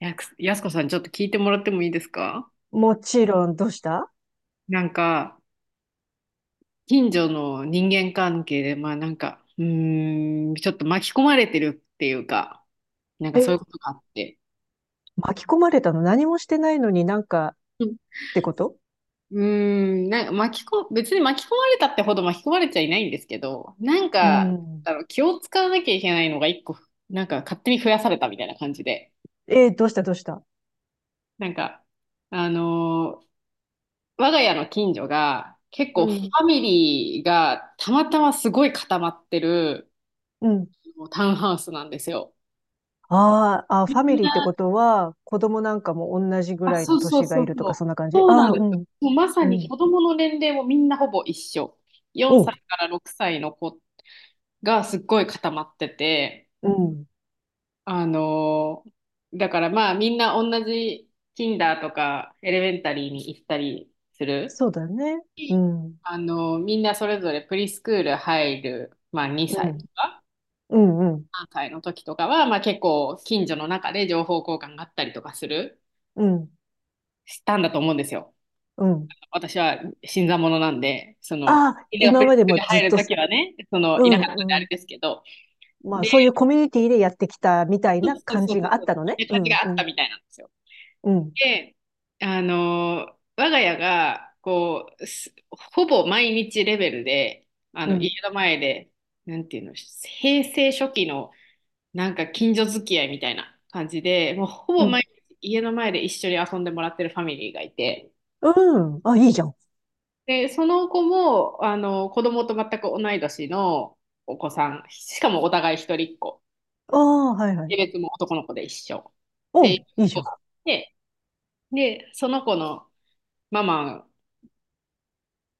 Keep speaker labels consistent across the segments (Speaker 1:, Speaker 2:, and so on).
Speaker 1: やくやすこさん、ちょっと聞いてもらってもいいですか？
Speaker 2: もちろん、どうした。
Speaker 1: なんか、近所の人間関係で、まあなんか、ちょっと巻き込まれてるっていうか、なんかそういうこ
Speaker 2: え、
Speaker 1: とがあって。
Speaker 2: 巻き込まれたの？何もしてないのになんかっ
Speaker 1: うん。
Speaker 2: てこと？
Speaker 1: うなんか巻きこ、別に巻き込まれたってほど巻き込まれちゃいないんですけど、なん
Speaker 2: う
Speaker 1: か、
Speaker 2: ん。
Speaker 1: 気を使わなきゃいけないのが一個、なんか勝手に増やされたみたいな感じで、
Speaker 2: えー、どうしたどうした。
Speaker 1: なんか、あのー我が家の近所が結
Speaker 2: う
Speaker 1: 構フ
Speaker 2: ん、
Speaker 1: ァミリーがたまたますごい固まってる、
Speaker 2: うん。
Speaker 1: もうタウンハウスなんですよ。
Speaker 2: あーあ、フ
Speaker 1: み
Speaker 2: ァミ
Speaker 1: ん
Speaker 2: リーってこ
Speaker 1: な、
Speaker 2: とは、子供なんかも同じぐ
Speaker 1: あ、
Speaker 2: らい
Speaker 1: そ
Speaker 2: の
Speaker 1: うそう
Speaker 2: 年が
Speaker 1: そ
Speaker 2: い
Speaker 1: う
Speaker 2: ると
Speaker 1: そ
Speaker 2: か、
Speaker 1: う。
Speaker 2: そんな感じ？
Speaker 1: そうな
Speaker 2: あ
Speaker 1: ん
Speaker 2: あー、
Speaker 1: で
Speaker 2: う
Speaker 1: すよ。
Speaker 2: ん、
Speaker 1: もうまさ
Speaker 2: う
Speaker 1: に
Speaker 2: ん、
Speaker 1: 子供の年齢もみんなほぼ一緒。4
Speaker 2: おう、
Speaker 1: 歳から6歳の子がすっごい固まってて、
Speaker 2: うん。
Speaker 1: あのーだからまあみんな同じ Kinder とかエレメンタリーに行ったりする。
Speaker 2: そうだね。うん、
Speaker 1: みんなそれぞれプリスクール入る、まあ2
Speaker 2: う
Speaker 1: 歳と
Speaker 2: ん、
Speaker 1: か
Speaker 2: うん、うん、
Speaker 1: 3歳の時とかは、まあ結構近所の中で情報交換があったりとか
Speaker 2: うん、
Speaker 1: したんだと思うんですよ。
Speaker 2: うん。
Speaker 1: 私は新参者なんで、その、
Speaker 2: ああ、
Speaker 1: みんながプ
Speaker 2: 今
Speaker 1: レ
Speaker 2: ま
Speaker 1: ス
Speaker 2: で
Speaker 1: ク
Speaker 2: も
Speaker 1: で
Speaker 2: ずっ
Speaker 1: 入る
Speaker 2: と、
Speaker 1: ときはね、その、
Speaker 2: う
Speaker 1: いなかったんであ
Speaker 2: ん、う
Speaker 1: れ
Speaker 2: ん。
Speaker 1: ですけど、
Speaker 2: まあ、
Speaker 1: で、
Speaker 2: そういうコミュニティでやってきたみたい
Speaker 1: そう
Speaker 2: な
Speaker 1: そう
Speaker 2: 感
Speaker 1: そう
Speaker 2: じがあ
Speaker 1: そ
Speaker 2: った
Speaker 1: う、
Speaker 2: の
Speaker 1: みん
Speaker 2: ね。
Speaker 1: な
Speaker 2: う
Speaker 1: 感じ
Speaker 2: ん、
Speaker 1: があ
Speaker 2: う
Speaker 1: った
Speaker 2: ん、
Speaker 1: みたいなんですよ。
Speaker 2: うん、
Speaker 1: で、我が家が、こう、すほぼ毎日レベルで、
Speaker 2: う
Speaker 1: 家
Speaker 2: ん。
Speaker 1: の前で、なんていうの、平成初期の、なんか近所付き合いみたいな感じで、もうほ
Speaker 2: う
Speaker 1: ぼ
Speaker 2: ん
Speaker 1: 毎日家の前で一緒に遊んでもらってるファミリーがいて、
Speaker 2: うん。あ、いいじゃん。
Speaker 1: で、その子も、子供と全く同い年のお子さん、しかもお互い一人っ子。
Speaker 2: ああ、はいは
Speaker 1: 性
Speaker 2: い。
Speaker 1: 別も男の子で一緒。っ
Speaker 2: う
Speaker 1: ていう
Speaker 2: ん、いいじ
Speaker 1: 子
Speaker 2: ゃん。
Speaker 1: があって、で、その子のママ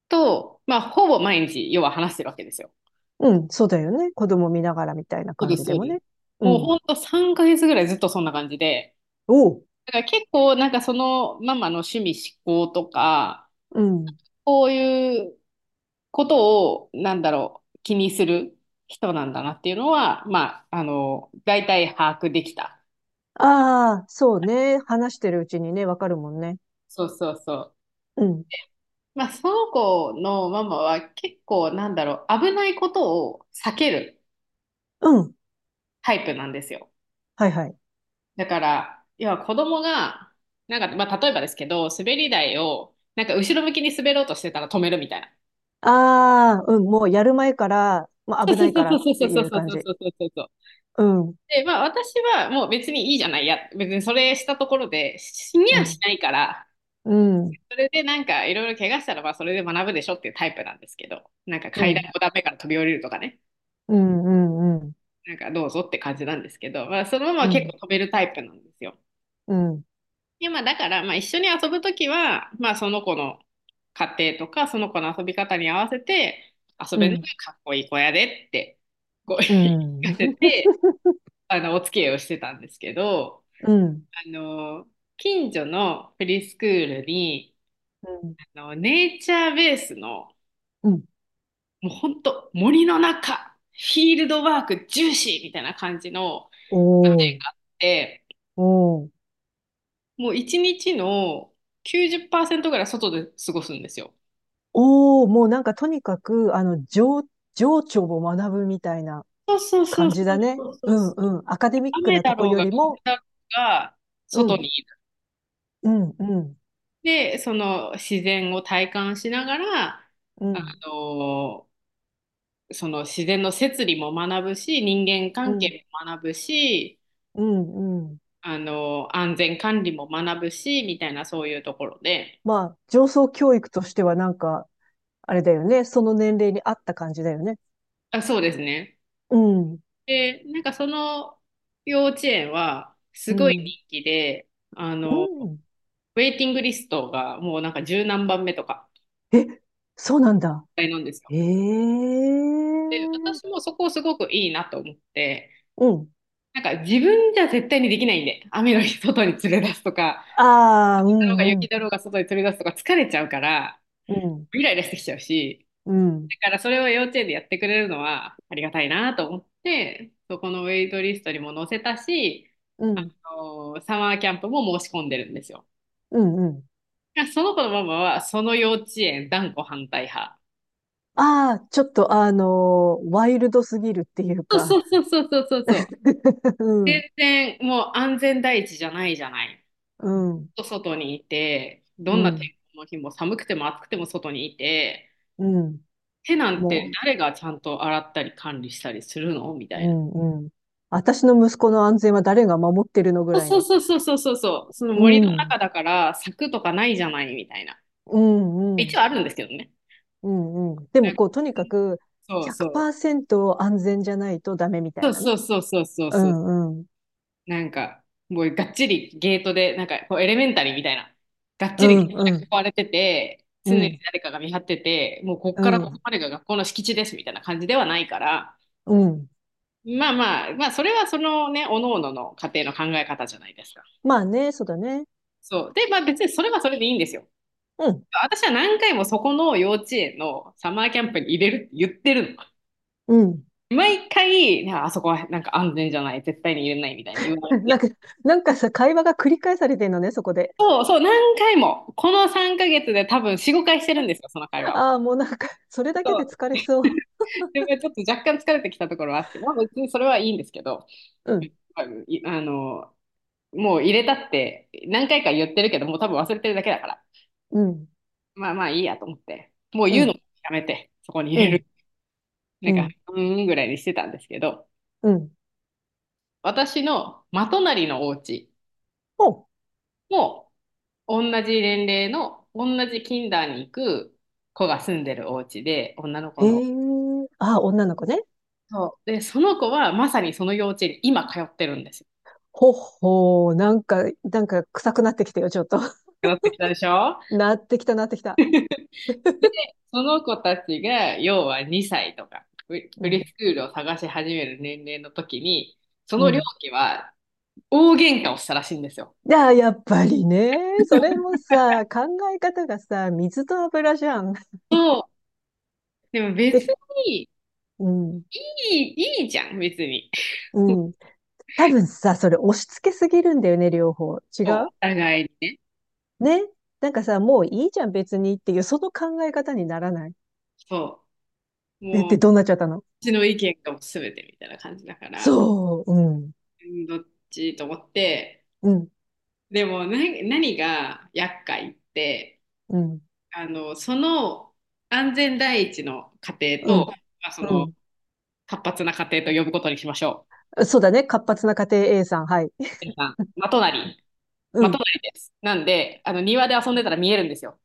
Speaker 1: と、まあ、ほぼ毎日、要は話してるわけですよ。
Speaker 2: うん、そうだよね。子供見ながらみたいな
Speaker 1: そう
Speaker 2: 感
Speaker 1: です、
Speaker 2: じで
Speaker 1: そう
Speaker 2: も
Speaker 1: です。
Speaker 2: ね。う
Speaker 1: もう
Speaker 2: ん。
Speaker 1: ほんと3ヶ月ぐらいずっとそんな感じで、
Speaker 2: おう。
Speaker 1: だから結構なんかそのママの趣味嗜好とか、
Speaker 2: うん。
Speaker 1: こういうことを、なんだろう、気にする人なんだなっていうのは、まあ、大体把握できた。
Speaker 2: ああ、そうね。話してるうちにね、わかるもんね。
Speaker 1: そうそうそう。
Speaker 2: うん。
Speaker 1: まあ、その子のママは結構、なんだろう、危ないことを避ける
Speaker 2: うん。
Speaker 1: タイプなんですよ。
Speaker 2: はいはい。
Speaker 1: だから、要は子供が、なんか、まあ、例えばですけど、滑り台を、なんか後ろ向きに滑ろうとしてたら止めるみたいな。
Speaker 2: ああ、うん。もうやる前から、まあ、
Speaker 1: そ
Speaker 2: 危
Speaker 1: うそ
Speaker 2: ないか
Speaker 1: う
Speaker 2: らっ
Speaker 1: そうそ
Speaker 2: て
Speaker 1: うそ
Speaker 2: い
Speaker 1: う
Speaker 2: う
Speaker 1: そう
Speaker 2: 感
Speaker 1: そう
Speaker 2: じ。
Speaker 1: そうそうそうそう。
Speaker 2: うん。
Speaker 1: で、まあ私はもう別にいいじゃないや、別にそれしたところで死に
Speaker 2: う
Speaker 1: はし
Speaker 2: ん。
Speaker 1: ないから、
Speaker 2: うん。
Speaker 1: それでなんかいろいろ怪我したらまあそれで学ぶでしょっていうタイプなんですけど、なんか
Speaker 2: う
Speaker 1: 階
Speaker 2: ん。
Speaker 1: 段5段目から飛び降りるとかね、
Speaker 2: うん。うん。うん。
Speaker 1: なんかどうぞって感じなんですけど、まあ、そのまま
Speaker 2: う
Speaker 1: 結
Speaker 2: ん。
Speaker 1: 構飛べるタイプなんですよ。
Speaker 2: うん。
Speaker 1: でまあ、だからまあ一緒に遊ぶときは、まあ、その子の家庭とかその子の遊び方に合わせて遊
Speaker 2: う
Speaker 1: べるのが
Speaker 2: ん。
Speaker 1: かっこいい子やでってこう
Speaker 2: う
Speaker 1: 言い聞
Speaker 2: ん。
Speaker 1: かせてお付き合いをしてたんですけど、
Speaker 2: う
Speaker 1: あの近所のフリースクールに
Speaker 2: ん。
Speaker 1: ネイチャーベースの
Speaker 2: うん。
Speaker 1: もう本当森の中、フィールドワーク重視みたいな感じの、
Speaker 2: おお。
Speaker 1: で、
Speaker 2: おお。
Speaker 1: もう一日の90%ぐらい外で過ごすんですよ。
Speaker 2: おお、もうなんかとにかく、情緒を学ぶみたいな
Speaker 1: そうそうそう
Speaker 2: 感
Speaker 1: そ
Speaker 2: じだ
Speaker 1: う
Speaker 2: ね。
Speaker 1: そうそ
Speaker 2: う
Speaker 1: う
Speaker 2: ん
Speaker 1: そう。
Speaker 2: うん。アカデミック
Speaker 1: 雨
Speaker 2: なと
Speaker 1: だ
Speaker 2: こ
Speaker 1: ろう
Speaker 2: よ
Speaker 1: が
Speaker 2: り
Speaker 1: 風
Speaker 2: も、
Speaker 1: だろうが
Speaker 2: う
Speaker 1: 外
Speaker 2: ん、
Speaker 1: にいる。
Speaker 2: うん、うん、
Speaker 1: で、その自然を体感しながら、
Speaker 2: う
Speaker 1: あ
Speaker 2: ん、
Speaker 1: のその自然の摂理も学ぶし、人間
Speaker 2: う
Speaker 1: 関
Speaker 2: ん、
Speaker 1: 係も学ぶし、
Speaker 2: うん、うん。
Speaker 1: 安全管理も学ぶし、みたいなそういうところで、
Speaker 2: まあ、情操教育としてはなんか、あれだよね。その年齢に合った感じだよね。
Speaker 1: あ、そうですね。
Speaker 2: うん、
Speaker 1: で、なんかその幼稚園はす
Speaker 2: う
Speaker 1: ごい
Speaker 2: ん、
Speaker 1: 人気で、あ
Speaker 2: う
Speaker 1: の、
Speaker 2: ん。
Speaker 1: ウェイティングリストがもうなんか十何番目とか
Speaker 2: え、そうなんだ。
Speaker 1: なんですよ。
Speaker 2: ええ、
Speaker 1: で、私もそこすごくいいなと思って、
Speaker 2: うん。
Speaker 1: なんか自分じゃ絶対にできないんで、雨の日外に連れ出すとか、
Speaker 2: ああ、う
Speaker 1: 雪だろうが
Speaker 2: ん、うん、
Speaker 1: 雪だろうが外に連れ出すとか疲れちゃうから、
Speaker 2: うん、
Speaker 1: イライラしてきちゃうし、
Speaker 2: うん、
Speaker 1: だからそれを幼稚園でやってくれるのはありがたいなと思って、そこのウェイトリストにも載せたし、
Speaker 2: うん、
Speaker 1: サマーキャンプも申し込んでるんですよ。
Speaker 2: うん、うん。
Speaker 1: その子のママはその幼稚園断固反対派。
Speaker 2: ああ、ちょっとワイルドすぎるっていう
Speaker 1: そう
Speaker 2: か。
Speaker 1: そうそうそうそうそう。
Speaker 2: う
Speaker 1: 全
Speaker 2: ん、
Speaker 1: 然もう安全第一じゃないじゃない。
Speaker 2: うん、
Speaker 1: 外にいて、ど
Speaker 2: う
Speaker 1: んな
Speaker 2: ん、
Speaker 1: 天候の日も寒くても暑くても外にいて、
Speaker 2: うん。
Speaker 1: 手なんて
Speaker 2: も
Speaker 1: 誰がちゃんと洗ったり管理したりするのみた
Speaker 2: う、う
Speaker 1: いな。
Speaker 2: ん、うん。私の息子の安全は誰が守ってるのぐらい
Speaker 1: そう
Speaker 2: の。
Speaker 1: そうそうそうそうそう、その
Speaker 2: う
Speaker 1: 森の
Speaker 2: ん、
Speaker 1: 中だから柵とかないじゃないみたいな。
Speaker 2: うん、うん、
Speaker 1: 一応あるんですけどね。
Speaker 2: うん、うん。で
Speaker 1: な
Speaker 2: も
Speaker 1: んか
Speaker 2: こう、とにかく
Speaker 1: そうそう。
Speaker 2: 100%安全じゃないとダメみた
Speaker 1: そ
Speaker 2: い
Speaker 1: う
Speaker 2: な
Speaker 1: そ
Speaker 2: ね。
Speaker 1: うそうそうそう
Speaker 2: う
Speaker 1: そう。
Speaker 2: ん、うん、
Speaker 1: なんか、もうがっちりゲートで、なんかこうエレメンタリーみたいな。がっ
Speaker 2: う
Speaker 1: ちりゲー
Speaker 2: ん、
Speaker 1: ト
Speaker 2: う
Speaker 1: で囲
Speaker 2: ん、
Speaker 1: われてて、
Speaker 2: う
Speaker 1: 常に
Speaker 2: ん、
Speaker 1: 誰かが見張ってて、もうこっ
Speaker 2: う
Speaker 1: からここ
Speaker 2: ん、
Speaker 1: までが学校の敷地ですみたいな感じではないから、
Speaker 2: うん。
Speaker 1: まあまあ、まあそれはそのね、おのおのの家庭の考え方じゃないですか。
Speaker 2: まあね、そうだね。
Speaker 1: そう。で、まあ別にそれはそれでいいんですよ。
Speaker 2: うん、
Speaker 1: 私は何回もそこの幼稚園のサマーキャンプに入れるって言ってるの。
Speaker 2: うん。
Speaker 1: 毎回、あそこはなんか安全じゃない、絶対に入れないみたいに言われ て、
Speaker 2: なんか、なんかさ、会話が繰り返されてんのね、そこで。
Speaker 1: そうそう、何回も、この3ヶ月で多分4、5回してるんですよ、その会 話を。
Speaker 2: ああ、もうなんか、それだ
Speaker 1: そ
Speaker 2: けで疲
Speaker 1: う。
Speaker 2: れそう。
Speaker 1: でもちょっと若干疲れてきたところはあって、まあ別にそれはいいんですけど、
Speaker 2: うん、
Speaker 1: いあの、もう入れたって何回か言ってるけど、もう多分忘れてるだけだから、
Speaker 2: うん、
Speaker 1: まあまあいいやと思って、もう
Speaker 2: う
Speaker 1: 言うの
Speaker 2: ん、
Speaker 1: もやめて、そこに
Speaker 2: う
Speaker 1: 入れる。
Speaker 2: ん、
Speaker 1: な
Speaker 2: う
Speaker 1: んか、
Speaker 2: ん、
Speaker 1: うーんぐらいにしてたんですけど、
Speaker 2: うん。
Speaker 1: 私のまとなりのお家
Speaker 2: ほ
Speaker 1: も同じ年齢の同じキンダーに行く子が住んでるお家で女の子
Speaker 2: う、へ
Speaker 1: の。
Speaker 2: え。ああ、女の子ね。
Speaker 1: そうでその子はまさにその幼稚園に今通ってるんですよ。
Speaker 2: ほほう、なんか、なんか臭くなってきたよ、ちょっと。
Speaker 1: 通ってきたでしょ？
Speaker 2: なってきた、なってきた。
Speaker 1: で、その子たちが要は2歳とか
Speaker 2: う。う
Speaker 1: プリス
Speaker 2: ん、
Speaker 1: クールを探し始める年齢の時にそ
Speaker 2: う
Speaker 1: の両
Speaker 2: ん。
Speaker 1: 家は大喧嘩をしたらしいんですよ。
Speaker 2: いや、やっぱりね。それもさ、考え方がさ、水と油じゃん。
Speaker 1: そう。でも別
Speaker 2: で、
Speaker 1: に
Speaker 2: うん、
Speaker 1: いいじゃん別に。
Speaker 2: うん。多分さ、それ押し付けすぎるんだよね、両方。違
Speaker 1: そうお
Speaker 2: う
Speaker 1: 互いにね。
Speaker 2: ね。なんかさ、もういいじゃん、別にっていう、その考え方にならない。
Speaker 1: そう。
Speaker 2: で、
Speaker 1: もう
Speaker 2: で、どうなっちゃったの？
Speaker 1: ちの意見がもう全てみたいな感じだから、
Speaker 2: そう、うん、
Speaker 1: うん。どっちと思って、
Speaker 2: うん、
Speaker 1: でも何が厄介って、
Speaker 2: うん、
Speaker 1: その安全第一の家
Speaker 2: う
Speaker 1: 庭
Speaker 2: ん、
Speaker 1: と、まあ、その
Speaker 2: う
Speaker 1: 活発な家庭と呼ぶことにしましょ
Speaker 2: ん。そうだね。活発な家庭 A さん、はい。
Speaker 1: う。皆さん、
Speaker 2: う
Speaker 1: まと
Speaker 2: ん。
Speaker 1: なりです。なんで、あの庭で遊んでたら見えるんですよ。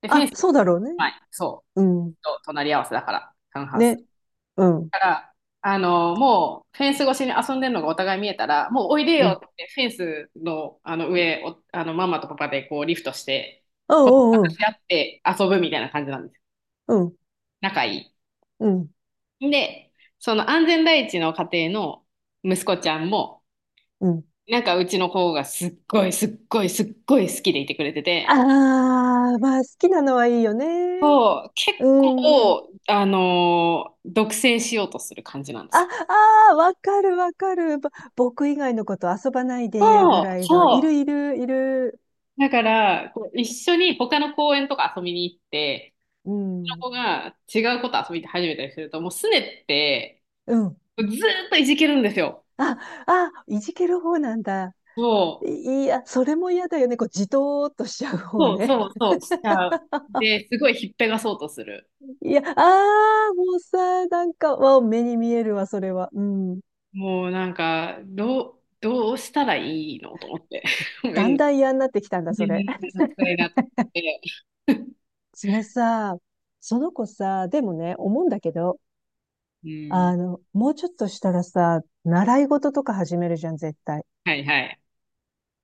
Speaker 1: で、フェン
Speaker 2: あ、
Speaker 1: ス、
Speaker 2: そうだろうね。
Speaker 1: はい、そ
Speaker 2: うん。
Speaker 1: う、と隣り合わせだから、タウンハウス。
Speaker 2: ね。うん、
Speaker 1: から、もうフェンス越しに遊んでるのがお互い見えたら、もうおいで
Speaker 2: う
Speaker 1: よ
Speaker 2: ん。
Speaker 1: ってフェンスの、上を、あのママとパパでこうリフトして、
Speaker 2: う
Speaker 1: こう
Speaker 2: ん、う
Speaker 1: 話
Speaker 2: ん、
Speaker 1: し合って遊ぶみたいな感じなんですよ。
Speaker 2: うん、
Speaker 1: 仲い
Speaker 2: うん、
Speaker 1: い。で、その安全第一の家庭の息子ちゃんも、
Speaker 2: うん。
Speaker 1: なんかうちの子がすっごいすっごいすっごい好きでいてくれて
Speaker 2: あ
Speaker 1: て、
Speaker 2: あ、まあ、好きなのはいいよね。
Speaker 1: そう、結
Speaker 2: うん。
Speaker 1: 構、独占しようとする感じなんで
Speaker 2: あ、
Speaker 1: すよ。
Speaker 2: ああ、わかるわかる。僕以外のこと遊ばないで、ぐ
Speaker 1: そう、
Speaker 2: らいの。い
Speaker 1: そ
Speaker 2: る
Speaker 1: う。
Speaker 2: いるいる。
Speaker 1: だから、こう一緒に他の公園とか遊びに行って、
Speaker 2: うん。
Speaker 1: その子が違うこと遊び始めたりすると、もうすねって、
Speaker 2: うん。
Speaker 1: ずーっといじけるんですよ。
Speaker 2: あ、あ、いじける方なんだ。
Speaker 1: そう、
Speaker 2: いや、それも嫌だよね。こう、じとーっとしちゃう方
Speaker 1: そう
Speaker 2: ね。
Speaker 1: そうそう、しちゃう。で、すごいひっぺがそうとする。
Speaker 2: いや、あー、もうさ、なんか、わ、目に見えるわ、それは。うん。
Speaker 1: もうなんか、どうしたらいいのと思って。ごめ
Speaker 2: だ
Speaker 1: ん
Speaker 2: ん
Speaker 1: ね
Speaker 2: だん嫌になってきたんだ、それ。
Speaker 1: ごさいなと思って。
Speaker 2: それさ、その子さ、でもね、思うんだけど、
Speaker 1: うん、
Speaker 2: あの、もうちょっとしたらさ、習い事とか始めるじゃん、絶対。
Speaker 1: はいはい。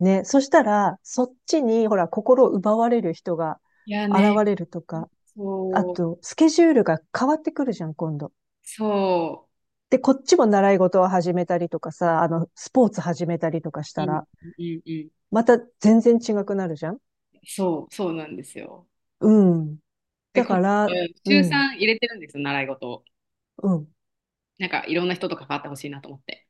Speaker 2: ね、そしたら、そっちに、ほら、心を奪われる人が
Speaker 1: いや
Speaker 2: 現
Speaker 1: ね、
Speaker 2: れるとか、あ
Speaker 1: そう、
Speaker 2: と、スケジュールが変わってくるじゃん、今度。
Speaker 1: そ
Speaker 2: で、こっちも習い事を始めたりとかさ、あの、スポーツ始めたりとかし
Speaker 1: う、う
Speaker 2: た
Speaker 1: ん、
Speaker 2: ら、
Speaker 1: うん、うん、
Speaker 2: また全然違くなるじゃん。
Speaker 1: そう、そうなんですよ。
Speaker 2: うん。
Speaker 1: で、
Speaker 2: だ
Speaker 1: 中
Speaker 2: から、
Speaker 1: さん
Speaker 2: う
Speaker 1: 週
Speaker 2: ん、
Speaker 1: 3入れてるんですよ、習い事を。
Speaker 2: うん。
Speaker 1: なんかいろんな人と関わってほしいなと思って。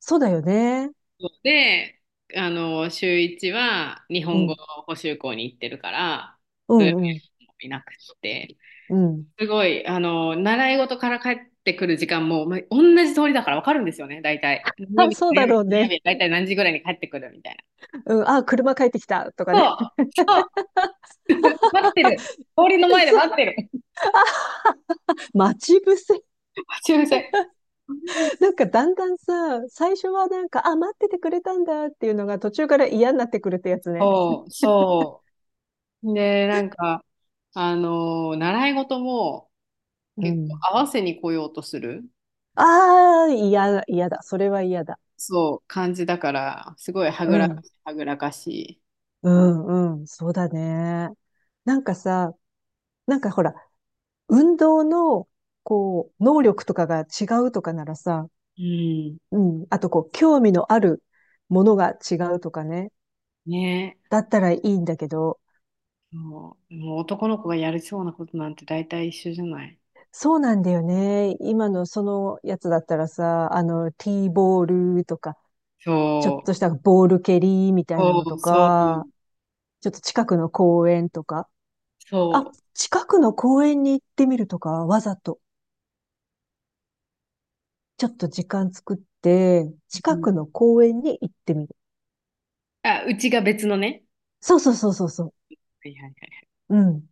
Speaker 2: そうだよね。
Speaker 1: そうで、週1は日
Speaker 2: う
Speaker 1: 本語
Speaker 2: ん、
Speaker 1: 補習校に行ってるから、
Speaker 2: う
Speaker 1: 土曜
Speaker 2: ん、うん、
Speaker 1: 日もいなくって、
Speaker 2: うん。
Speaker 1: すごい、習い事から帰ってくる時間も、まあ、同じ通りだから分かるんですよね、大体。何曜
Speaker 2: あ、
Speaker 1: 日と
Speaker 2: そう
Speaker 1: 何
Speaker 2: だ
Speaker 1: 曜日
Speaker 2: ろ
Speaker 1: と
Speaker 2: う
Speaker 1: 何
Speaker 2: ね。
Speaker 1: 曜日、大体何時ぐらいに帰ってくるみたいな。
Speaker 2: うん、あ、車帰ってきたとか
Speaker 1: そ
Speaker 2: ね。
Speaker 1: う、そう、待ってる。通りの前 で
Speaker 2: そ
Speaker 1: 待
Speaker 2: う、
Speaker 1: ってる。
Speaker 2: 待ち伏せ。
Speaker 1: 待ち合せ。
Speaker 2: なんかだんだんさ、最初はなんか、あ、待っててくれたんだっていうのが途中から嫌になってくるってやつね。
Speaker 1: そう、そう。で、なんか、習い事も
Speaker 2: う
Speaker 1: 結構
Speaker 2: ん。
Speaker 1: 合わせに来ようとする、
Speaker 2: ああ、嫌だ、嫌だ。それは嫌だ。
Speaker 1: そう、感じだから、すごいは
Speaker 2: う
Speaker 1: ぐらか
Speaker 2: ん。
Speaker 1: し、はぐらかし
Speaker 2: うんうん、そうだね。なんかさ、なんかほら、運動の、こう、能力とかが違うとかならさ、
Speaker 1: い。う
Speaker 2: うん、あとこう、興味のあるものが違うとかね、
Speaker 1: ん。ね。
Speaker 2: だったらいいんだけど、
Speaker 1: そう、もう男の子がやりそうなことなんて大体一緒じゃない。
Speaker 2: そうなんだよね。今のそのやつだったらさ、あの、ティーボールとか、ちょっ
Speaker 1: そう、
Speaker 2: としたボール蹴りみたいな
Speaker 1: そ
Speaker 2: のと
Speaker 1: う、そう、
Speaker 2: か、ちょっと近くの公園とか、
Speaker 1: そ
Speaker 2: あ、近くの公園に行ってみるとか、わざと。ちょっと時間作って、
Speaker 1: う。う
Speaker 2: 近
Speaker 1: ん、
Speaker 2: くの公園に行ってみる。
Speaker 1: あ、うちが別のね。
Speaker 2: そうそうそうそうそう。
Speaker 1: はいはいはい。
Speaker 2: うん。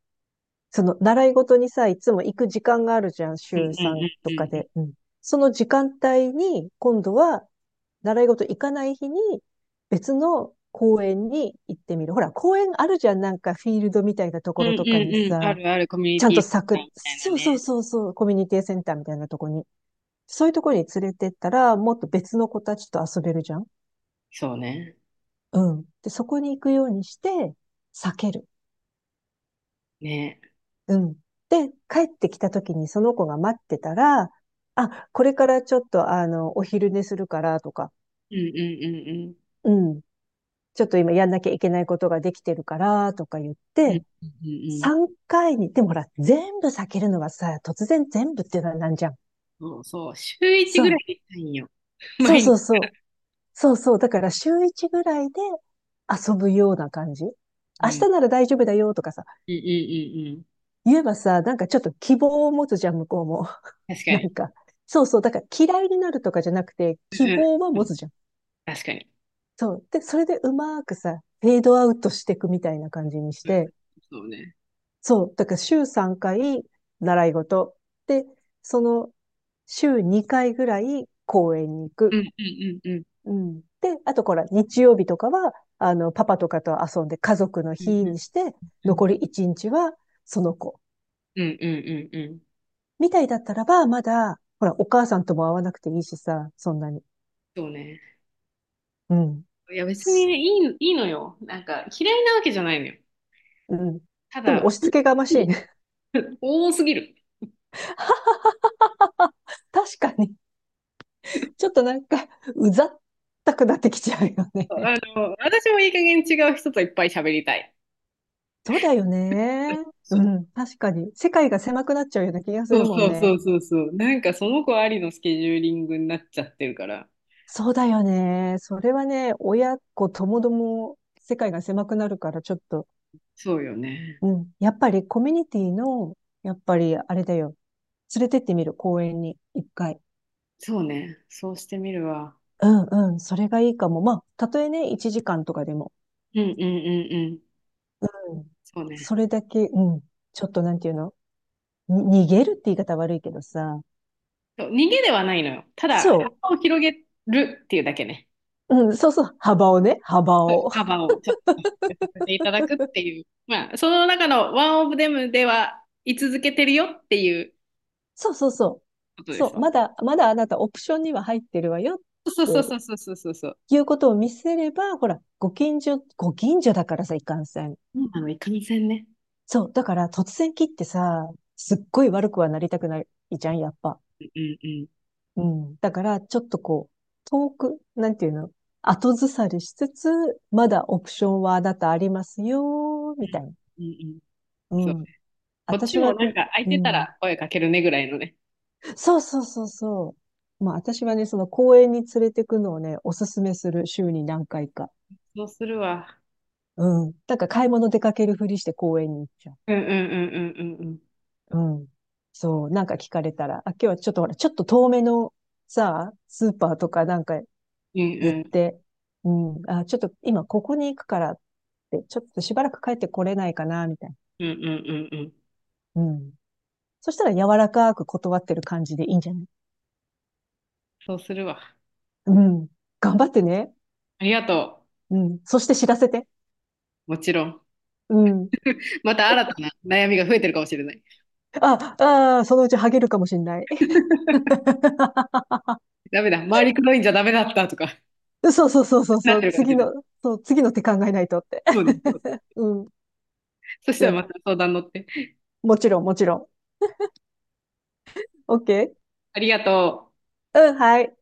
Speaker 2: その、習い事にさ、いつも行く時間があるじゃん、
Speaker 1: うん
Speaker 2: 週
Speaker 1: う
Speaker 2: さん
Speaker 1: ん
Speaker 2: と
Speaker 1: う
Speaker 2: か
Speaker 1: んうん。
Speaker 2: で。うん。その時間帯に、今度は、習い事行かない日に、別の公園に行ってみる。ほら、公園あるじゃん、なんかフィールドみたいなと
Speaker 1: う
Speaker 2: こ
Speaker 1: んう
Speaker 2: ろとか
Speaker 1: ん
Speaker 2: に
Speaker 1: うん。あ
Speaker 2: さ、
Speaker 1: るあるコミュニ
Speaker 2: ちゃん
Speaker 1: テ
Speaker 2: と
Speaker 1: ィセン
Speaker 2: 咲
Speaker 1: ターみ
Speaker 2: く。
Speaker 1: たいな
Speaker 2: そうそう
Speaker 1: ね。
Speaker 2: そうそう、コミュニティセンターみたいなとこに。そういうところに連れてったら、もっと別の子たちと遊べるじゃん。
Speaker 1: そうね。
Speaker 2: うん。で、そこに行くようにして、避ける。
Speaker 1: ね。
Speaker 2: うん。で、帰ってきた時にその子が待ってたら、あ、これからちょっとあの、お昼寝するからとか、
Speaker 1: うんうんうんうん。
Speaker 2: うん。ちょっと今やんなきゃいけないことができてるからとか言っ
Speaker 1: うん
Speaker 2: て、
Speaker 1: うんうんうん。
Speaker 2: 3回に、でもほら、全部避けるのはさ、突然全部っていうのはなんじゃん。
Speaker 1: そうそう、週1
Speaker 2: そ
Speaker 1: ぐらい
Speaker 2: う。
Speaker 1: で行きたいんよ。
Speaker 2: そう
Speaker 1: 毎
Speaker 2: そ
Speaker 1: 日。
Speaker 2: うそう。そうそう。だから週1ぐらいで遊ぶような感じ。明
Speaker 1: うん。うんう
Speaker 2: 日なら大丈夫だよとかさ、
Speaker 1: んうん
Speaker 2: 言えばさ、なんかちょっと希望を持つじゃん、向こうも。
Speaker 1: うん。確か
Speaker 2: な
Speaker 1: に。
Speaker 2: んか、そうそう、だから嫌いになるとかじゃなくて、
Speaker 1: うん
Speaker 2: 希
Speaker 1: うん
Speaker 2: 望は
Speaker 1: う
Speaker 2: 持
Speaker 1: ん。
Speaker 2: つじゃん。
Speaker 1: 確かに。
Speaker 2: そう。で、それでうまくさ、フェードアウトしていくみたいな感じにし
Speaker 1: うん、
Speaker 2: て、
Speaker 1: そうね。
Speaker 2: そう。だから週3回習い事。で、その週2回ぐらい公園に行
Speaker 1: うん
Speaker 2: く。
Speaker 1: うんうんうん。
Speaker 2: うん。で、あとこら、日曜日とかは、あの、パパとかと遊んで家族の
Speaker 1: うん
Speaker 2: 日
Speaker 1: うん
Speaker 2: にして、
Speaker 1: うん。
Speaker 2: 残り1日はその子。
Speaker 1: うんうんうんうん。
Speaker 2: みたいだったらば、まだ、ほら、お母さんとも会わなくていいしさ、そんなに。
Speaker 1: そうね。
Speaker 2: うん。
Speaker 1: いや別にいい、いいのよ。なんか嫌いなわけじゃないのよ。
Speaker 2: うん。
Speaker 1: た
Speaker 2: でも
Speaker 1: だ、
Speaker 2: 押し付けがましいね。
Speaker 1: 多すぎる。
Speaker 2: 確かに。ちょっとなんか、うざったくなってきちゃうよね。
Speaker 1: 私もいい加減違う人といっぱい喋りたい。
Speaker 2: そうだよ ね。う
Speaker 1: そ
Speaker 2: ん。確かに。世界が狭くなっちゃうような気が
Speaker 1: う
Speaker 2: するもん
Speaker 1: そうそ
Speaker 2: ね。
Speaker 1: うそうそう。なんかその子ありのスケジューリングになっちゃってるから。
Speaker 2: そうだよね。それはね、親子ともども世界が狭くなるからちょっと、
Speaker 1: そうよね。
Speaker 2: うん。やっぱりコミュニティの、やっぱりあれだよ。連れてってみる、公園に、一回。
Speaker 1: そうね。そうしてみるわ。
Speaker 2: うんうん。それがいいかも。まあ、たとえね、1時間とかでも。
Speaker 1: うんうんうんうん。
Speaker 2: うん。
Speaker 1: そうね。
Speaker 2: それだけ、うん。ちょっとなんていうの、に逃げるって言い方悪いけどさ。
Speaker 1: そう逃げではないのよ。ただ、
Speaker 2: そ
Speaker 1: 幅を広げるっていうだけね。
Speaker 2: う。うん、そうそう。幅をね、幅を。
Speaker 1: 幅をちょっと広げさせていただくっていう。まあ、その中のワンオブデムでは居続けてるよっていう
Speaker 2: そうそうそう。
Speaker 1: ことで
Speaker 2: そ
Speaker 1: す
Speaker 2: う。
Speaker 1: わ。
Speaker 2: まだ、まだあなたオプションには入ってるわよっ
Speaker 1: そうそう
Speaker 2: て
Speaker 1: そうそうそうそうそう。
Speaker 2: いうことを見せれば、ほら、ご近所、ご近所だからさ、いかんせん。
Speaker 1: そうなの、いかんせんね。
Speaker 2: そう。だから突然切ってさ、すっごい悪くはなりたくないじゃん、やっぱ。
Speaker 1: うんうんうん。
Speaker 2: うん。だから、ちょっとこう、遠く、なんていうの、後ずさりしつつ、まだオプションはあなたありますよ、
Speaker 1: う
Speaker 2: み
Speaker 1: ん
Speaker 2: たいな。
Speaker 1: うん
Speaker 2: う
Speaker 1: うん。そう。
Speaker 2: ん。
Speaker 1: こっ
Speaker 2: 私
Speaker 1: ち
Speaker 2: は、
Speaker 1: もなんか空い
Speaker 2: う
Speaker 1: てた
Speaker 2: ん、
Speaker 1: ら声かけるねぐらいのね。
Speaker 2: そうそうそうそう。まあ私はね、その公園に連れてくのをね、おすすめする、週に何回か。
Speaker 1: そうするわ。
Speaker 2: うん。なんか買い物出かけるふりして公園に行っちゃ
Speaker 1: うんうんうんうんうんうん。
Speaker 2: う。うん。そう。なんか聞かれたら、あ、今日はちょっとほら、ちょっと遠めのさ、スーパーとかなんか
Speaker 1: うん
Speaker 2: 言っ
Speaker 1: うん
Speaker 2: て、うん。あ、ちょっと今ここに行くからって、ちょっとしばらく帰ってこれないかな、みたい
Speaker 1: うんうんうんうん。
Speaker 2: な。うん。そしたら柔らかく断ってる感じでいいんじゃない？
Speaker 1: そうするわ。
Speaker 2: うん。頑張ってね。
Speaker 1: ありがと
Speaker 2: うん。そして知らせて。
Speaker 1: う。もちろん。
Speaker 2: うん。
Speaker 1: また新たな悩みが増えてるかもしれない。
Speaker 2: あ、ああ、そのうちハゲるかもしんない。
Speaker 1: ダメだ。周り黒いんじゃダメだったとか、
Speaker 2: そうそうそうそう
Speaker 1: な
Speaker 2: そ
Speaker 1: っ
Speaker 2: う、
Speaker 1: てるかもし
Speaker 2: 次
Speaker 1: れない。
Speaker 2: の、そう、次の手考えないとって。
Speaker 1: そうです。そうで す。
Speaker 2: うん。
Speaker 1: そし
Speaker 2: じ
Speaker 1: た
Speaker 2: ゃ
Speaker 1: ら
Speaker 2: あ、
Speaker 1: また相談乗って。
Speaker 2: もちろん、もちろん。OK？
Speaker 1: ありがとう。
Speaker 2: うん、はい。